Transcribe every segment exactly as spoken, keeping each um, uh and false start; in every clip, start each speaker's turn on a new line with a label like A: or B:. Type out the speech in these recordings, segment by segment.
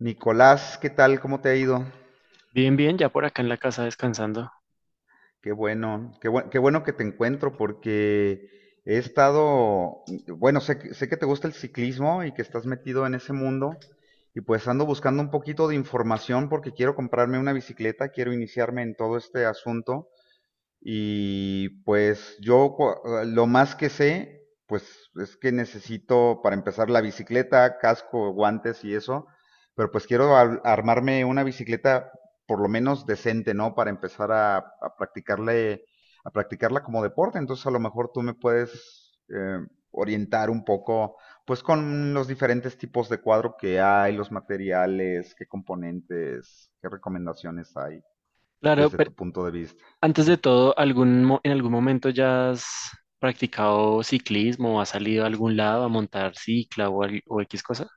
A: Nicolás, ¿qué tal? ¿Cómo te ha ido?
B: Bien, bien, ya por acá en la casa descansando.
A: Qué bueno, qué buen- qué bueno que te encuentro porque he estado, bueno, sé, que- sé que te gusta el ciclismo y que estás metido en ese mundo, y pues ando buscando un poquito de información porque quiero comprarme una bicicleta, quiero iniciarme en todo este asunto. Y pues yo cua- ah, lo más que sé, pues es que necesito para empezar la bicicleta, casco, guantes y eso, pero pues quiero ar- armarme una bicicleta por lo menos decente, ¿no? Para empezar a, a practicarle, a practicarla como deporte. Entonces a lo mejor tú me puedes eh, orientar un poco, pues con los diferentes tipos de cuadro que hay, los materiales, qué componentes, qué recomendaciones hay
B: Claro,
A: desde
B: pero
A: tu punto de vista.
B: antes de todo, ¿algún, mo- en algún momento ya has practicado ciclismo o has salido a algún lado a montar cicla o, al- o X cosa?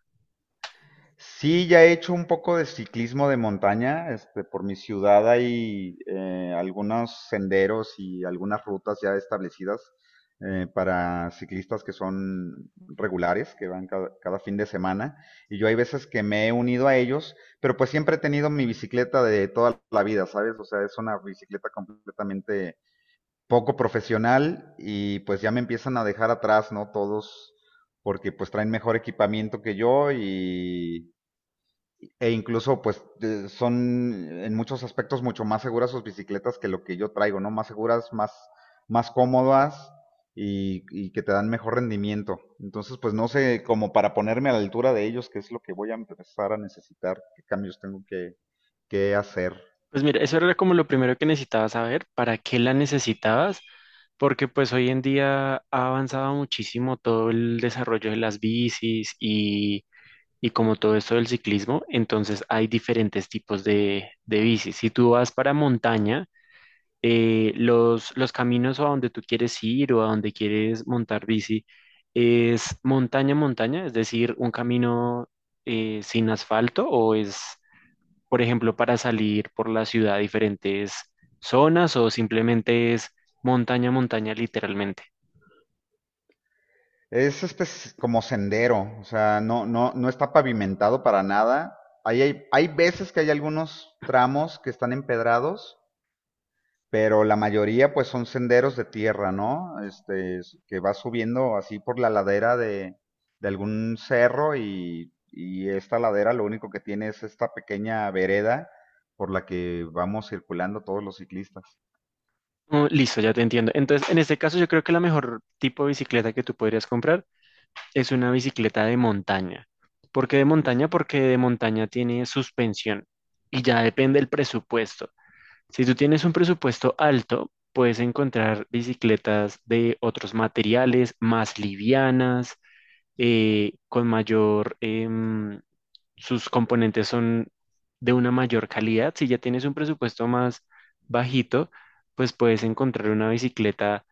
A: Sí, ya he hecho un poco de ciclismo de montaña. Este, por mi ciudad hay eh, algunos senderos y algunas rutas ya establecidas eh, para ciclistas que son regulares, que van cada, cada fin de semana. Y yo hay veces que me he unido a ellos, pero pues siempre he tenido mi bicicleta de toda la vida, ¿sabes? O sea, es una bicicleta completamente poco profesional y pues ya me empiezan a dejar atrás, ¿no? Todos, porque pues traen mejor equipamiento que yo y e incluso, pues, eh, son en muchos aspectos mucho más seguras sus bicicletas que lo que yo traigo, ¿no? Más seguras, más, más cómodas y, y que te dan mejor rendimiento. Entonces, pues no sé, como para ponerme a la altura de ellos, qué es lo que voy a empezar a necesitar, qué cambios tengo que, que hacer.
B: Pues mira, eso era como lo primero que necesitaba saber, para qué la necesitabas, porque pues hoy en día ha avanzado muchísimo todo el desarrollo de las bicis y, y como todo esto del ciclismo, entonces hay diferentes tipos de, de bicis. Si tú vas para montaña, eh, los, los caminos a donde tú quieres ir o a donde quieres montar bici es montaña, montaña, es decir, un camino eh, sin asfalto o es, por ejemplo, para salir por la ciudad a diferentes zonas o simplemente es montaña, montaña literalmente.
A: Es este s- como sendero, o sea, no, no, no está pavimentado para nada. Ahí hay, hay veces que hay algunos tramos que están empedrados, pero la mayoría pues son senderos de tierra, ¿no? Este, que va subiendo así por la ladera de, de algún cerro y, y esta ladera lo único que tiene es esta pequeña vereda por la que vamos circulando todos los ciclistas.
B: Oh, listo, ya te entiendo. Entonces, en este caso, yo creo que la mejor tipo de bicicleta que tú podrías comprar es una bicicleta de montaña. ¿Por qué de montaña?
A: Bicicl-
B: Porque de montaña tiene suspensión y ya depende el presupuesto. Si tú tienes un presupuesto alto, puedes encontrar bicicletas de otros materiales, más livianas, eh, con mayor, em, sus componentes son de una mayor calidad. Si ya tienes un presupuesto más bajito, pues puedes encontrar una bicicleta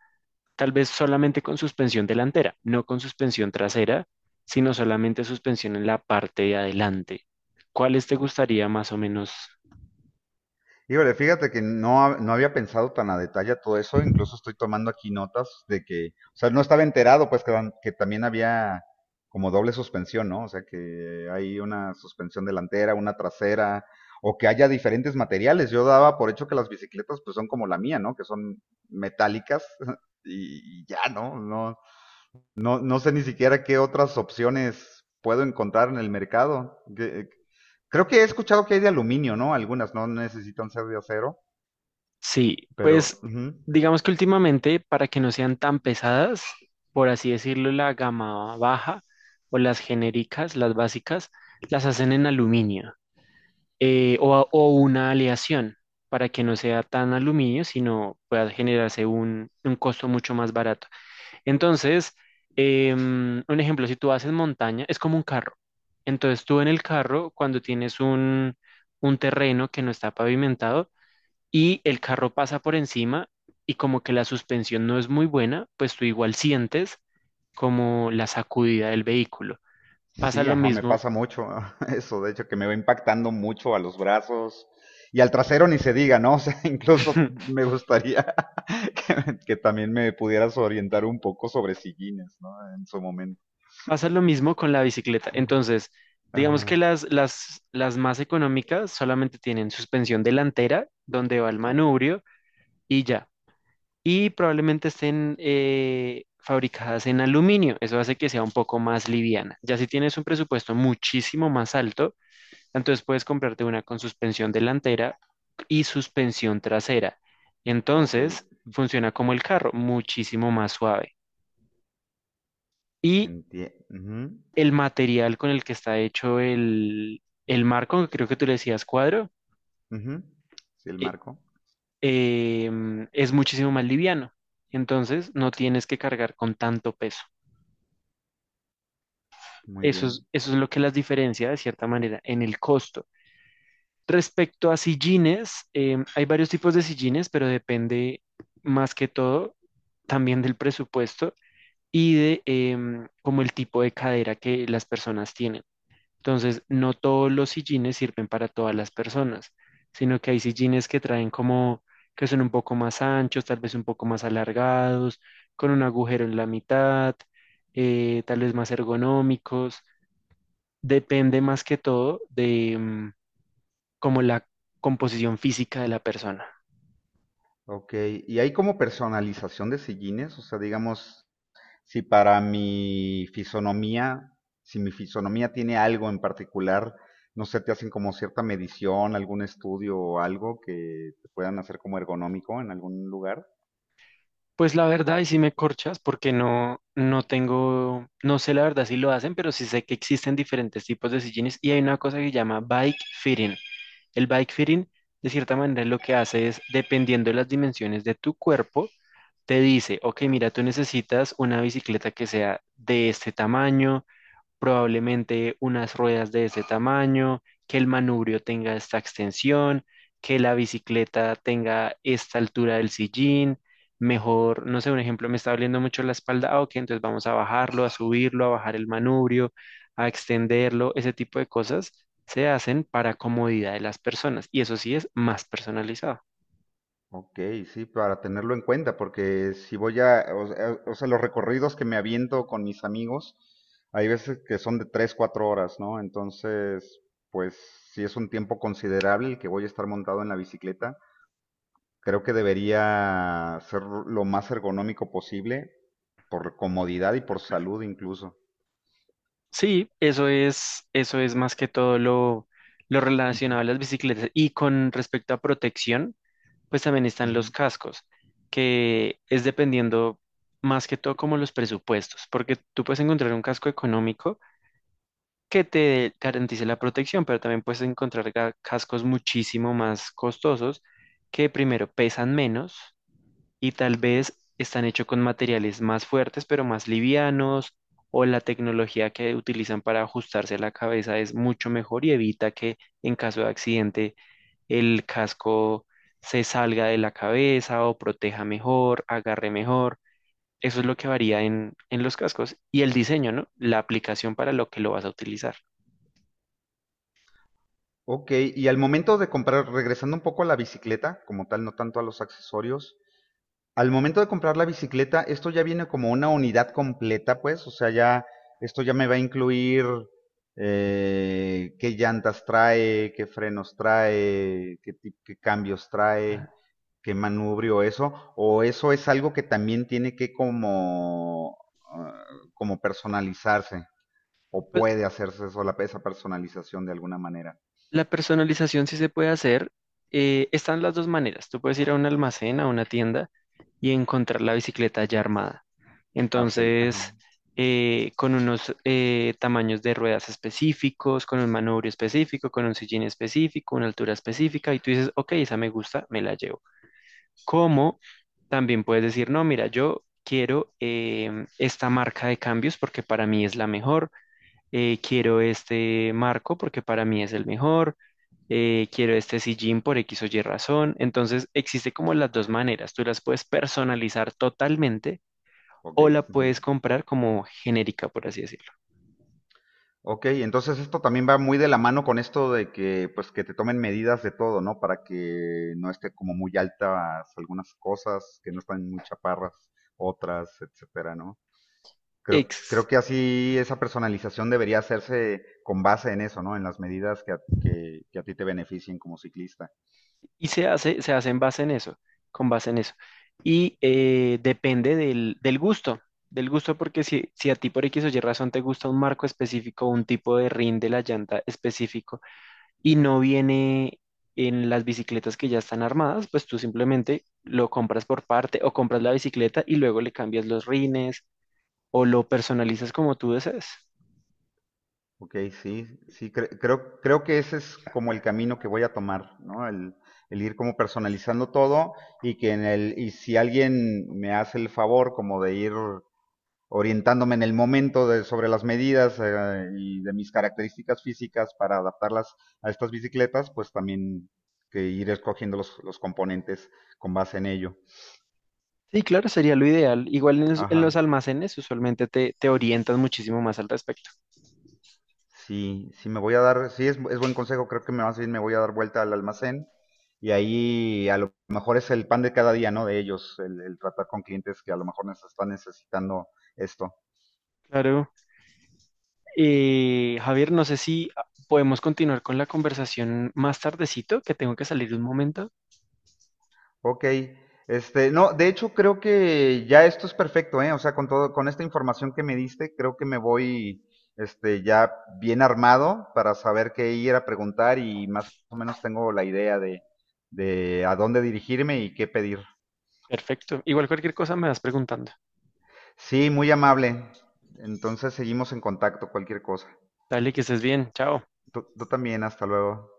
B: tal vez solamente con suspensión delantera, no con suspensión trasera, sino solamente suspensión en la parte de adelante. ¿Cuáles te
A: ¿No?
B: gustaría más o menos?
A: Híjole, fíjate que no, no había pensado tan a detalle todo eso, incluso estoy tomando aquí notas de que, o sea, no estaba enterado, pues que, dan- que también había como doble suspensión, ¿no? O sea, que hay una suspensión delantera, una trasera, o que haya diferentes materiales. Yo daba por hecho que las bicicletas pues son como la mía, ¿no? Que son metálicas y, y ya, ¿no? No, no, no sé ni siquiera qué otras opciones puedo encontrar en el mercado. Que- eh, Creo que he escuchado que hay de aluminio, ¿no? Algunas no necesitan ser de acero,
B: Sí,
A: pero
B: pues
A: ujú.
B: digamos que últimamente, para que no sean tan pesadas, por así decirlo, la gama baja o las genéricas, las básicas, las hacen en aluminio, eh, o, a- o una aleación para que no sea tan aluminio, sino pueda generarse un, un costo mucho más barato. Entonces, em, un ejemplo, si tú haces montaña, es como un carro. Entonces tú en el carro, cuando tienes un, un terreno que no está pavimentado, y el carro pasa por encima y como que la suspensión no es muy buena, pues tú igual sientes como la sacudida del vehículo. Pasa
A: Sí,
B: lo
A: ajá, me
B: mismo,
A: pasa mucho eso, de hecho, que me va impactando mucho a los brazos y al trasero ni se diga, ¿no? O sea, incluso me gustaría que, me- que también me pudieras orientar un poco sobre sillines, ¿no? En su momento.
B: pasa lo mismo con la bicicleta. Entonces, digamos que
A: Ajá.
B: las, las, las más económicas solamente tienen suspensión delantera, donde va el
A: O-
B: manubrio y ya. Y probablemente estén eh, fabricadas en aluminio. Eso hace que sea un poco más liviana. Ya si tienes un presupuesto muchísimo más alto, entonces puedes comprarte una con suspensión delantera y suspensión trasera.
A: ok,
B: Entonces funciona como el carro, muchísimo más suave. Y
A: entiendo.
B: el material con el que está hecho el, el marco, que creo que tú le decías cuadro,
A: Sí, el
B: e-
A: marco.
B: em, es muchísimo más liviano. Entonces no tienes que cargar con tanto peso.
A: Muy
B: Eso es,
A: bien.
B: eso es lo que las diferencia de cierta manera en el costo. Respecto a sillines, em, hay varios tipos de sillines, pero depende más que todo también del presupuesto y de em, como el tipo de cadera que las personas tienen. Entonces, no todos los sillines sirven para todas las personas, sino que hay sillines que traen como que son un poco más anchos, tal vez un poco más alargados, con un agujero en la mitad, eh, tal vez más ergonómicos. Depende más que todo de, em, como la composición física de la persona.
A: Ok, y hay como personalización de sillines, o sea, digamos, si para mi fisonomía, si mi fisonomía tiene algo en particular, no sé, te hacen como cierta medición, algún estudio o algo que te puedan hacer como ergonómico en algún lugar.
B: Pues la verdad, y si me corchas, porque no, no tengo, no sé la verdad si lo hacen, pero sí sé que existen diferentes tipos de sillines y hay una cosa que se llama bike fitting. El bike fitting, de cierta manera, lo que hace es, dependiendo de las dimensiones de tu cuerpo, te dice, ok, mira, tú necesitas una bicicleta que sea de este tamaño, probablemente unas ruedas de ese tamaño, que el manubrio tenga esta extensión, que la bicicleta tenga esta altura del sillín, mejor, no sé, un ejemplo, me está doliendo mucho la espalda, ah, ok, entonces vamos a bajarlo, a subirlo, a bajar el manubrio, a extenderlo, ese tipo de cosas se hacen para comodidad de las personas y eso sí es más personalizado.
A: Ok, sí, para tenerlo en cuenta, porque si voy a, o sea, o sea, los recorridos que me aviento con mis amigos, hay veces que son de tres, cuatro horas, ¿no? Entonces, pues sí es un tiempo considerable el que voy a estar montado en la bicicleta. Creo que debería ser lo más ergonómico posible por comodidad y por salud incluso.
B: Sí, eso es, eso es más que todo lo, lo
A: Ujú,
B: relacionado a las bicicletas. Y con respecto a protección, pues también están los
A: ujú.
B: cascos, que es dependiendo más que todo como los presupuestos, porque tú puedes encontrar un casco económico que te garantice la protección, pero también puedes encontrar ga- cascos muchísimo más costosos que primero pesan menos y tal
A: Ok.
B: vez están hechos con materiales más fuertes, pero más livianos, o la tecnología que utilizan para ajustarse a la cabeza es mucho mejor y evita que en caso de accidente el casco se salga de la cabeza o proteja mejor, agarre mejor. Eso es lo que varía en, en los cascos y el diseño, ¿no? La aplicación para lo que lo vas a utilizar.
A: Ok, y al momento de comprar, regresando un poco a la bicicleta, como tal, no tanto a los accesorios, al momento de comprar la bicicleta, esto ya viene como una unidad completa, pues, o sea, ya, esto ya me va a incluir eh, qué llantas trae, qué frenos trae, qué, ti- qué cambios trae. Qué manubrio eso. O eso es algo que también tiene que como, ah, como personalizarse. O
B: Pues,
A: puede hacerse eso, la- esa personalización de alguna manera.
B: la personalización sí se puede hacer. eh, están las dos maneras. Tú puedes ir a un almacén, a una tienda y encontrar la bicicleta ya armada.
A: Ah, ok, ajá.
B: Entonces, eh, con unos eh, tamaños de ruedas específicos, con un manubrio específico, con un sillín específico, una altura específica, y tú dices, ok, esa me gusta, me la llevo. Como también puedes decir, no, mira, yo quiero em, esta marca de cambios porque para mí es la mejor, eh, quiero este marco porque para mí es el mejor, eh, quiero este sillín por X o Y razón. Entonces, existe como las dos maneras, tú las puedes personalizar totalmente
A: Ok,
B: o la
A: ujú.
B: puedes comprar como genérica, por así decirlo.
A: Ok, entonces esto también va muy de la mano con esto de que, pues, que te tomen medidas de todo, ¿no? Para que no esté como muy altas algunas cosas, que no están muy chaparras otras, etcétera, ¿no? Creo,
B: Ex-
A: creo que así esa personalización debería hacerse con base en eso, ¿no? En las medidas que a, que, que a ti te beneficien como ciclista.
B: Y se hace, se hace en base en eso, con base en eso. Y eh, depende del, del gusto, del gusto porque si, si a ti por X o Y razón te gusta un marco específico, un tipo de rin de la llanta específico y no viene en las bicicletas que ya están armadas, pues tú simplemente lo compras por parte o compras la bicicleta y luego le cambias los rines o lo personalizas como tú desees.
A: Ok, sí, sí, cre- creo, creo que ese es como el camino que voy a tomar, ¿no? El, el ir como personalizando todo y que en el, y si alguien me hace el favor como de ir orientándome en el momento de, sobre las medidas eh, y de mis características físicas para adaptarlas a estas bicicletas, pues también que ir escogiendo los, los componentes con base en ello.
B: Sí, claro, sería lo ideal. Igual en los, en los
A: Ajá.
B: almacenes usualmente te, te orientan muchísimo más al respecto.
A: Sí, sí me voy a dar, sí es, es buen consejo, creo que me más bien me voy a dar vuelta al almacén y ahí a lo mejor es el pan de cada día, ¿no? De ellos, el, el tratar con clientes que a lo mejor nos están necesitando esto.
B: Claro. Eh, Javier, no sé si podemos continuar con la conversación más tardecito, que tengo que salir un momento.
A: Ok, este, no, de hecho creo que ya esto es perfecto, ¿eh? O sea, con todo, con esta información que me diste, creo que me voy, este, ya bien armado para saber qué ir a preguntar y más o menos tengo la idea de, de a dónde dirigirme y qué pedir.
B: Perfecto. Igual cualquier cosa me vas preguntando.
A: Sí, muy amable. Entonces seguimos en contacto, cualquier cosa.
B: Dale, que estés bien. Chao.
A: Tú, tú también, hasta luego.